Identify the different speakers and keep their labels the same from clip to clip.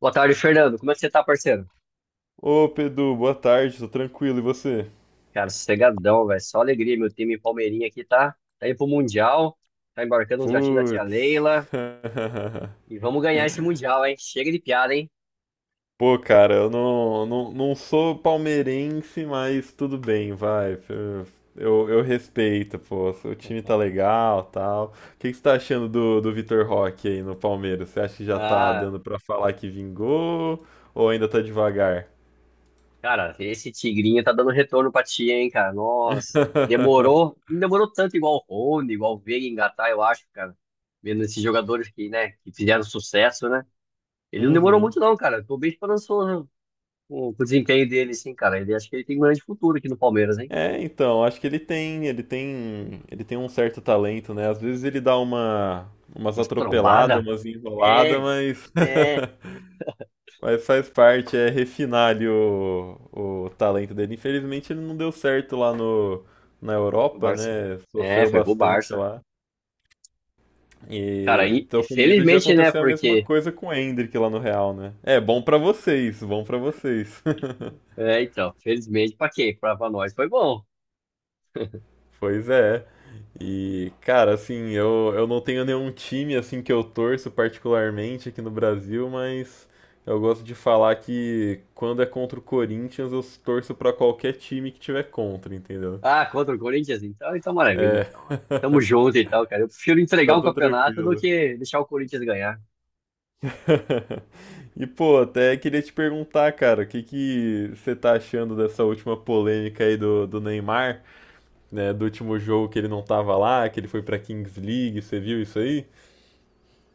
Speaker 1: Boa tarde, Fernando. Como é que você tá, parceiro?
Speaker 2: Ô Pedro, boa tarde, tô tranquilo, e você?
Speaker 1: Cara, sossegadão, velho. Só alegria. Meu time Palmeirinha aqui tá indo pro Mundial, tá embarcando no jatinho da tia
Speaker 2: Putz.
Speaker 1: Leila. E vamos ganhar esse Mundial, hein? Chega de piada, hein?
Speaker 2: Pô, cara, eu não sou palmeirense, mas tudo bem, vai. Eu respeito, pô. O time tá legal, tal. O que que você tá achando do Vitor Roque aí no Palmeiras? Você acha que já tá
Speaker 1: Ah,
Speaker 2: dando pra falar que vingou ou ainda tá devagar?
Speaker 1: cara, esse Tigrinho tá dando retorno pra tia, hein, cara? Nossa, demorou, não demorou tanto igual o Rony, igual o Veiga engatar, eu acho, cara. Vendo esses jogadores que, né, que fizeram sucesso, né? Ele não demorou
Speaker 2: Uhum.
Speaker 1: muito, não, cara. Tô bem esperançoso com o desempenho dele, sim, cara. Ele acho que ele tem um grande futuro aqui no Palmeiras, hein?
Speaker 2: É, então, acho que ele tem um certo talento, né? Às vezes ele dá umas
Speaker 1: Mas
Speaker 2: atropeladas,
Speaker 1: trombada?
Speaker 2: umas enroladas,
Speaker 1: É,
Speaker 2: mas,
Speaker 1: é.
Speaker 2: mas faz parte, é refinar ali o talento dele. Infelizmente ele não deu certo lá no, na
Speaker 1: O
Speaker 2: Europa,
Speaker 1: Barça.
Speaker 2: né?
Speaker 1: É,
Speaker 2: Sofreu
Speaker 1: foi pro
Speaker 2: bastante
Speaker 1: Barça.
Speaker 2: lá.
Speaker 1: Cara,
Speaker 2: E
Speaker 1: aí,
Speaker 2: tô com medo de
Speaker 1: felizmente, né?
Speaker 2: acontecer a mesma
Speaker 1: Porque.
Speaker 2: coisa com o Endrick lá no Real, né? É, bom pra vocês, bom pra vocês.
Speaker 1: É, então, felizmente, pra quem? Pra nós foi bom.
Speaker 2: Pois é. E, cara, assim, eu não tenho nenhum time assim que eu torço particularmente aqui no Brasil, mas eu gosto de falar que quando é contra o Corinthians, eu torço pra qualquer time que tiver contra, entendeu?
Speaker 1: Ah, contra o Corinthians, então, então maravilha.
Speaker 2: É,
Speaker 1: Então, tamo junto e tal, cara. Eu prefiro entregar
Speaker 2: então
Speaker 1: um
Speaker 2: tá
Speaker 1: campeonato do
Speaker 2: tranquilo.
Speaker 1: que deixar o Corinthians ganhar.
Speaker 2: E, pô, até queria te perguntar, cara, o que que você tá achando dessa última polêmica aí do Neymar, né? Do último jogo que ele não tava lá, que ele foi pra Kings League, você viu isso aí?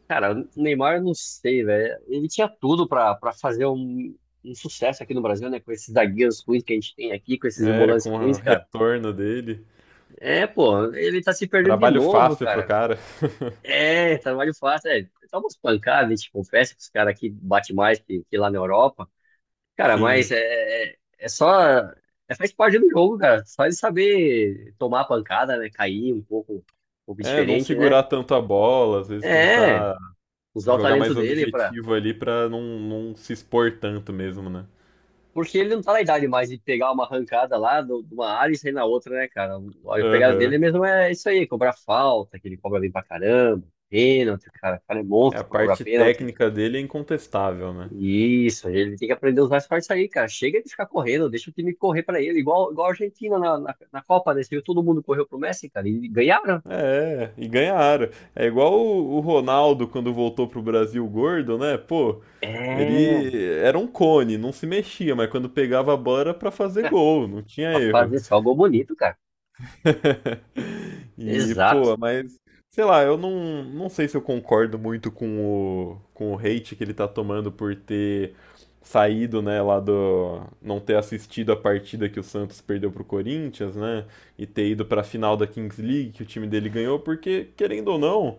Speaker 1: Cara, o Neymar, eu não sei, velho. Ele tinha tudo pra fazer um, um sucesso aqui no Brasil, né? Com esses zagueiros ruins que a gente tem aqui, com esses
Speaker 2: É,
Speaker 1: volantes
Speaker 2: com o
Speaker 1: ruins, cara.
Speaker 2: retorno dele.
Speaker 1: É, pô, ele tá se perdendo de
Speaker 2: Trabalho
Speaker 1: novo,
Speaker 2: fácil pro
Speaker 1: cara.
Speaker 2: cara.
Speaker 1: É, trabalho fácil, é. Toma umas pancadas, a gente confessa que os caras aqui batem mais que lá na Europa. Cara, mas
Speaker 2: Sim.
Speaker 1: é, é é só. É, faz parte do jogo, cara. Só de saber tomar a pancada, né? Cair um pouco
Speaker 2: É, não
Speaker 1: diferente, né?
Speaker 2: segurar tanto a bola, às vezes
Speaker 1: É,
Speaker 2: tentar
Speaker 1: usar o
Speaker 2: jogar
Speaker 1: talento
Speaker 2: mais
Speaker 1: dele pra.
Speaker 2: objetivo ali pra não se expor tanto mesmo, né?
Speaker 1: Porque ele não tá na idade mais de pegar uma arrancada lá do- de uma área e sair na outra, né, cara? A pegada
Speaker 2: Aham.
Speaker 1: dele mesmo é isso aí, cobrar falta, que ele cobra bem pra caramba, pênalti, cara. O cara é
Speaker 2: É,
Speaker 1: monstro
Speaker 2: a
Speaker 1: pra cobrar
Speaker 2: parte
Speaker 1: pênalti.
Speaker 2: técnica dele é incontestável, né?
Speaker 1: Isso, ele tem que aprender os mais fortes aí, cara. Chega de ficar correndo, deixa o time correr pra ele, igual, igual a Argentina na Copa, né? Você viu, todo mundo correu pro Messi, cara, e ganharam.
Speaker 2: É, e ganharam. É igual o Ronaldo quando voltou pro Brasil gordo, né? Pô,
Speaker 1: É,
Speaker 2: ele era um cone, não se mexia, mas quando pegava a bola era pra fazer
Speaker 1: é,
Speaker 2: gol, não tinha
Speaker 1: pra
Speaker 2: erro.
Speaker 1: fazer só gol bonito, cara.
Speaker 2: E,
Speaker 1: Exato.
Speaker 2: pô, mas, sei lá, eu não sei se eu concordo muito com o hate que ele tá tomando por ter saído, né, não ter assistido a partida que o Santos perdeu pro Corinthians, né, e ter ido pra final da Kings League que o time dele ganhou, porque, querendo ou não,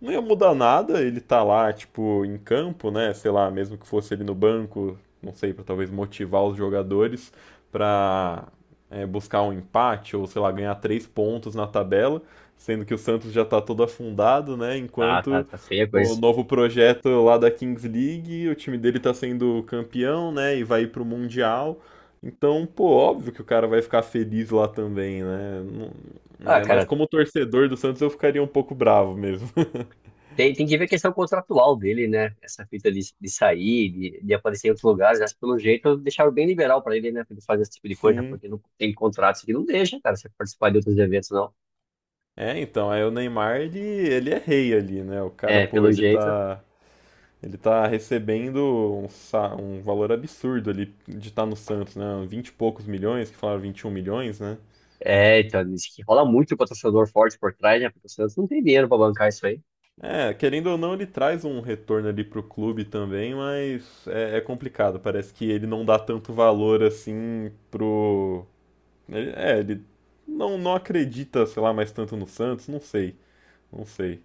Speaker 2: não ia mudar nada ele tá lá, tipo, em campo, né? Sei lá, mesmo que fosse ele no banco, não sei, pra talvez motivar os jogadores pra buscar um empate ou, sei lá, ganhar três pontos na tabela, sendo que o Santos já tá todo afundado, né?
Speaker 1: Tá, tá,
Speaker 2: Enquanto
Speaker 1: tá feia a
Speaker 2: o
Speaker 1: coisa.
Speaker 2: novo projeto lá da Kings League, o time dele tá sendo campeão, né? E vai ir pro Mundial. Então, pô, óbvio que o cara vai ficar feliz lá também, né? Não-
Speaker 1: Ah,
Speaker 2: Mas, mas
Speaker 1: cara,
Speaker 2: como torcedor do Santos, eu ficaria um pouco bravo mesmo.
Speaker 1: tem, tem que ver a questão contratual dele, né? Essa fita de sair, de aparecer em outros lugares, mas pelo jeito deixaram bem liberal pra ele, né? Pra ele fazer esse tipo de coisa,
Speaker 2: Sim.
Speaker 1: porque não tem contratos que não deixa, cara, você participar de outros eventos, não.
Speaker 2: É, então, aí o Neymar, ele é rei ali, né? O cara,
Speaker 1: É,
Speaker 2: pô,
Speaker 1: pelo
Speaker 2: ele
Speaker 1: jeito.
Speaker 2: tá, ele tá recebendo um valor absurdo ali de estar no Santos, né? Vinte e poucos milhões, que falaram 21 milhões, né?
Speaker 1: É, então, diz que rola muito patrocinador forte por trás, né? Porque o Santos não tem dinheiro pra bancar isso aí.
Speaker 2: É, querendo ou não, ele traz um retorno ali pro clube também, mas é complicado. Parece que ele não dá tanto valor assim pro. Ele não acredita, sei lá, mais tanto no Santos, não sei, não sei.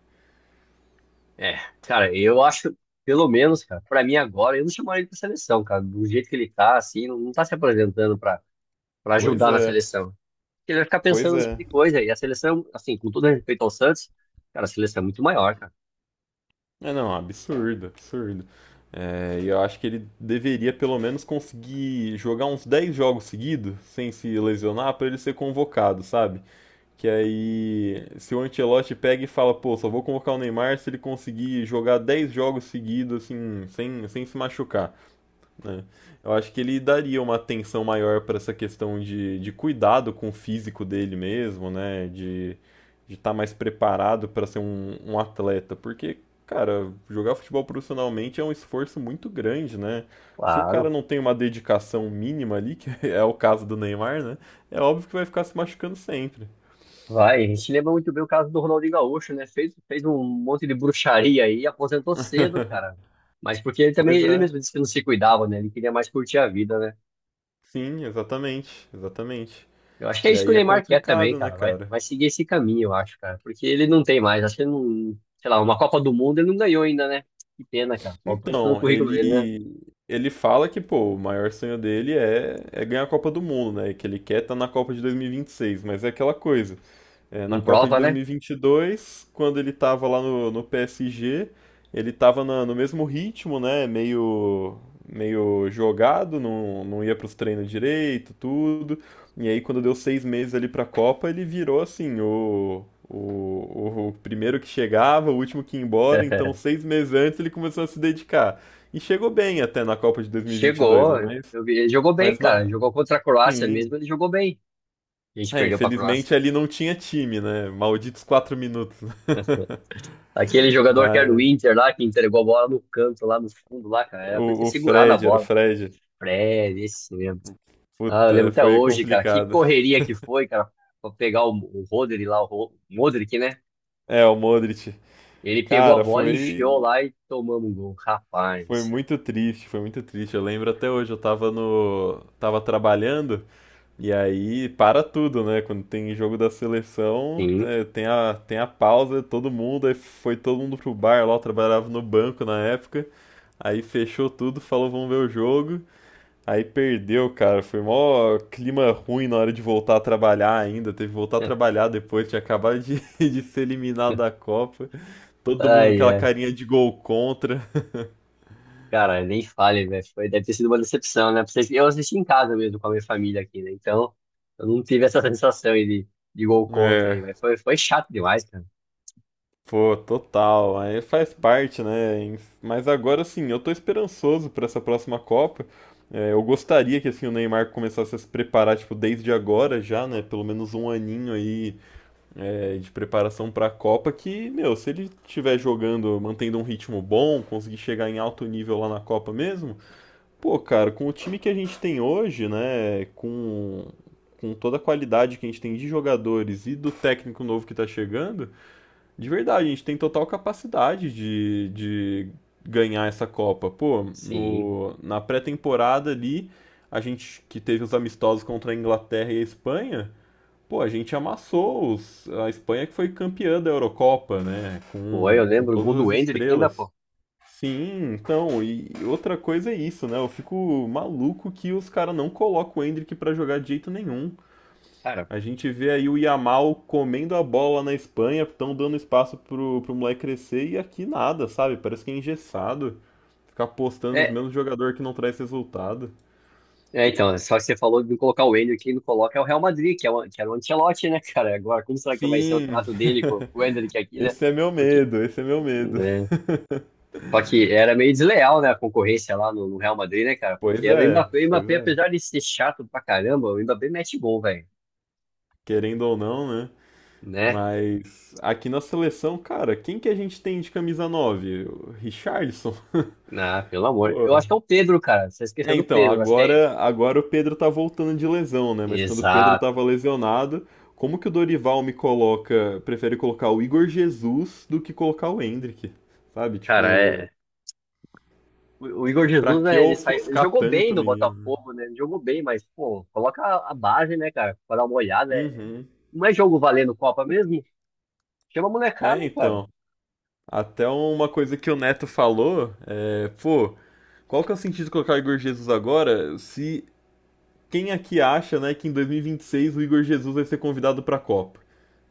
Speaker 1: É, cara, eu acho, pelo menos, cara, pra mim agora, eu não chamaria ele pra seleção, cara. Do jeito que ele tá, assim, não, não tá se apresentando pra
Speaker 2: Pois
Speaker 1: ajudar na
Speaker 2: é,
Speaker 1: seleção. Ele vai ficar
Speaker 2: pois
Speaker 1: pensando nesse tipo
Speaker 2: é.
Speaker 1: de coisa. E a seleção, assim, com todo respeito ao Santos, cara, a seleção é muito maior, cara.
Speaker 2: É, não, absurdo, absurdo. É, e eu acho que ele deveria pelo menos conseguir jogar uns 10 jogos seguidos, sem se lesionar, pra ele ser convocado, sabe? Que aí, se o Ancelotti pega e fala, pô, só vou convocar o Neymar se ele conseguir jogar 10 jogos seguidos, assim, sem se machucar, né? Eu acho que ele daria uma atenção maior para essa questão de cuidado com o físico dele mesmo, né? De estar mais preparado para ser um atleta, porque, cara, jogar futebol profissionalmente é um esforço muito grande, né? Se o cara
Speaker 1: Claro.
Speaker 2: não tem uma dedicação mínima ali, que é o caso do Neymar, né? É óbvio que vai ficar se machucando sempre.
Speaker 1: Vai, a gente lembra muito bem o caso do Ronaldinho Gaúcho, né? Fez um monte de bruxaria aí, aposentou cedo, cara. Mas porque ele também,
Speaker 2: Pois
Speaker 1: ele
Speaker 2: é,
Speaker 1: mesmo disse que não se cuidava, né? Ele queria mais curtir a vida, né?
Speaker 2: sim, exatamente, exatamente.
Speaker 1: Eu acho que é
Speaker 2: E
Speaker 1: isso que o
Speaker 2: aí é
Speaker 1: Neymar quer também,
Speaker 2: complicado, né,
Speaker 1: cara. Vai,
Speaker 2: cara?
Speaker 1: vai seguir esse caminho, eu acho, cara. Porque ele não tem mais. Acho que ele não. Sei lá, uma Copa do Mundo ele não ganhou ainda, né? Que pena, cara. Faltou isso no
Speaker 2: Então,
Speaker 1: currículo dele, né?
Speaker 2: ele fala que, pô, o maior sonho dele é, ganhar a Copa do Mundo, né? Que ele quer estar na Copa de dois mil e vinte e seis, mas é aquela coisa. É, na
Speaker 1: Não
Speaker 2: Copa de
Speaker 1: prova, né?
Speaker 2: 2022, quando ele tava lá no PSG, ele tava no mesmo ritmo, né? Meio jogado, não ia pros treinos direito, tudo. E aí, quando deu 6 meses ali pra Copa, ele virou assim, o primeiro que chegava, o último que ia embora. Então, 6 meses antes, ele começou a se dedicar. E chegou bem até na Copa de 2022,
Speaker 1: Chegou.
Speaker 2: né? Mas,
Speaker 1: Eu vi- ele jogou bem,
Speaker 2: mas
Speaker 1: cara.
Speaker 2: não,
Speaker 1: Jogou contra a Croácia
Speaker 2: sim.
Speaker 1: mesmo, ele jogou bem. A gente
Speaker 2: É,
Speaker 1: perdeu pra Croácia.
Speaker 2: infelizmente ali não tinha time, né? Malditos 4 minutos.
Speaker 1: Aquele jogador que era do
Speaker 2: Mas
Speaker 1: Inter lá, que entregou a bola no canto, lá no fundo, lá, cara. Era pra ele ter
Speaker 2: o
Speaker 1: segurado a
Speaker 2: Fred era o
Speaker 1: bola.
Speaker 2: Fred.
Speaker 1: Fred, esse mesmo. Ah, eu lembro
Speaker 2: Puta,
Speaker 1: até
Speaker 2: foi
Speaker 1: hoje, cara. Que
Speaker 2: complicado.
Speaker 1: correria que foi, cara, pra pegar o Rodri lá, o Ro- Modric, né?
Speaker 2: É, o Modric.
Speaker 1: Ele pegou a
Speaker 2: Cara,
Speaker 1: bola e enfiou lá e tomamos um gol. Rapaz, do
Speaker 2: foi
Speaker 1: céu.
Speaker 2: muito triste, foi muito triste. Eu lembro até hoje, eu tava no tava trabalhando e aí para tudo, né? Quando tem jogo da seleção,
Speaker 1: Sim.
Speaker 2: tem a pausa, todo mundo, aí foi todo mundo pro bar lá, eu trabalhava no banco na época. Aí fechou tudo, falou vamos ver o jogo. Aí perdeu, cara. Foi mó clima ruim na hora de voltar a trabalhar ainda. Teve que voltar a trabalhar depois, tinha acabado de, de ser eliminado da Copa. Todo mundo com
Speaker 1: Ai,
Speaker 2: aquela
Speaker 1: ai.
Speaker 2: carinha de gol contra.
Speaker 1: Cara, nem fale, velho. Foi, deve ter sido uma decepção, né? Pra vocês. Eu assisti em casa mesmo com a minha família aqui, né? Então, eu não tive essa sensação aí de gol contra aí,
Speaker 2: É,
Speaker 1: mas foi, foi chato demais, cara.
Speaker 2: pô, total. Aí faz parte, né? Mas agora sim, eu tô esperançoso pra essa próxima Copa. É, eu gostaria que assim o Neymar começasse a se preparar, tipo, desde agora já, né? Pelo menos um aninho aí de preparação para a Copa que, meu, se ele estiver jogando, mantendo um ritmo bom, conseguir chegar em alto nível lá na Copa mesmo, pô, cara, com o time que a gente tem hoje, né, com toda a qualidade que a gente tem de jogadores e do técnico novo que tá chegando, de verdade, a gente tem total capacidade de ganhar essa Copa. Pô,
Speaker 1: Sim.
Speaker 2: no, na pré-temporada ali, a gente que teve os amistosos contra a Inglaterra e a Espanha, pô, a gente amassou a Espanha que foi campeã da Eurocopa, né?
Speaker 1: Foi,
Speaker 2: Com,
Speaker 1: eu
Speaker 2: com
Speaker 1: lembro o gol
Speaker 2: todas
Speaker 1: do
Speaker 2: as
Speaker 1: Endrick ainda,
Speaker 2: estrelas.
Speaker 1: pô.
Speaker 2: Sim, então, e outra coisa é isso, né? Eu fico maluco que os caras não colocam o Endrick pra jogar de jeito nenhum.
Speaker 1: Cara,
Speaker 2: A gente vê aí o Yamal comendo a bola na Espanha, estão dando espaço pro moleque crescer e aqui nada, sabe? Parece que é engessado. Ficar apostando nos
Speaker 1: é,
Speaker 2: mesmos jogadores que não traz resultado.
Speaker 1: é, então, né? Só que você falou de colocar o Endrick, quem não coloca é o Real Madrid, que, é o, que era o Ancelotti, né, cara? Agora, como será que vai ser o
Speaker 2: Sim,
Speaker 1: trato dele com, com o Endrick aqui, né?
Speaker 2: esse é meu
Speaker 1: Porque,
Speaker 2: medo, esse é meu medo.
Speaker 1: né? Só que era meio desleal, né, a concorrência lá no Real Madrid, né, cara? Porque
Speaker 2: Pois
Speaker 1: era
Speaker 2: é,
Speaker 1: O
Speaker 2: pois
Speaker 1: Mbappé,
Speaker 2: é.
Speaker 1: apesar de ser chato pra caramba, o Mbappé mete gol, velho,
Speaker 2: Querendo ou não, né?
Speaker 1: né?
Speaker 2: Mas aqui na seleção, cara, quem que a gente tem de camisa 9? O Richarlison?
Speaker 1: Ah, pelo amor. Eu
Speaker 2: Pô.
Speaker 1: acho que é o Pedro, cara. Você
Speaker 2: É,
Speaker 1: esqueceu do
Speaker 2: então,
Speaker 1: Pedro, acho que é ele.
Speaker 2: agora o Pedro tá voltando de lesão, né? Mas quando o Pedro
Speaker 1: Exato.
Speaker 2: tava lesionado, como que o Dorival me coloca, prefere colocar o Igor Jesus do que colocar o Hendrick? Sabe?
Speaker 1: Cara,
Speaker 2: Tipo,
Speaker 1: é. O Igor
Speaker 2: pra
Speaker 1: Jesus,
Speaker 2: que
Speaker 1: né, ele saiu, ele
Speaker 2: ofuscar
Speaker 1: jogou bem
Speaker 2: tanto,
Speaker 1: no
Speaker 2: menino? Né?
Speaker 1: Botafogo, né? Ele jogou bem, mas, pô, coloca a base, né, cara? Pra dar uma olhada. É-
Speaker 2: Uhum.
Speaker 1: Não é jogo valendo Copa mesmo? Chama a molecada,
Speaker 2: É,
Speaker 1: cara.
Speaker 2: então. Até uma coisa que o Neto falou, pô, qual que é o sentido de colocar o Igor Jesus agora se quem aqui acha, né, que em 2026 o Igor Jesus vai ser convidado para a Copa,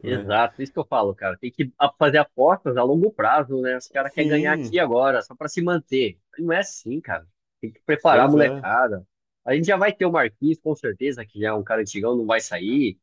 Speaker 2: né?
Speaker 1: Exato, isso que eu falo, cara. Tem que a- fazer apostas a longo prazo, né? Os caras querem ganhar aqui
Speaker 2: Sim,
Speaker 1: e agora, só pra se manter. Não é assim, cara. Tem que preparar a
Speaker 2: pois é.
Speaker 1: molecada. A gente já vai ter o Marquinhos, com certeza, que já é um cara antigão, não vai sair,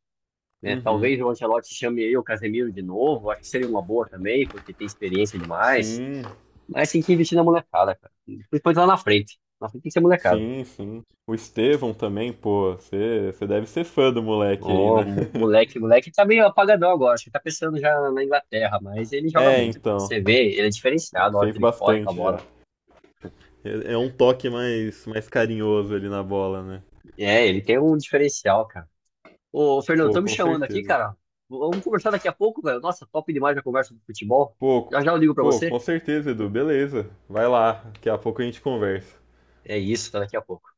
Speaker 1: né?
Speaker 2: Uhum.
Speaker 1: Talvez o Ancelotti chame aí o Casemiro de novo. Acho que seria uma boa também, porque tem experiência demais.
Speaker 2: Sim,
Speaker 1: Mas tem que investir na molecada, cara. Principalmente lá na frente. Na frente tem que ser molecada.
Speaker 2: sim, sim. O Estevão também, pô, você deve ser fã do moleque aí,
Speaker 1: Ô,
Speaker 2: né?
Speaker 1: mo- moleque, moleque tá meio apagadão agora, acho que tá pensando já na Inglaterra, mas ele joga
Speaker 2: É,
Speaker 1: muito, cara.
Speaker 2: então,
Speaker 1: Você vê, ele é diferenciado na hora que
Speaker 2: fez
Speaker 1: ele corre com a
Speaker 2: bastante já.
Speaker 1: bola.
Speaker 2: É um toque mais, mais carinhoso ali na bola, né?
Speaker 1: É, ele tem um diferencial, cara. Ô, Fernando,
Speaker 2: Pô,
Speaker 1: tô me
Speaker 2: com
Speaker 1: chamando aqui,
Speaker 2: certeza.
Speaker 1: cara. Vamos conversar daqui a pouco, velho. Nossa, top demais a conversa do futebol.
Speaker 2: Pô,
Speaker 1: Já já eu ligo pra
Speaker 2: pô,
Speaker 1: você.
Speaker 2: com certeza, Edu, beleza. Vai lá, daqui a pouco a gente conversa.
Speaker 1: É isso, tá daqui a pouco.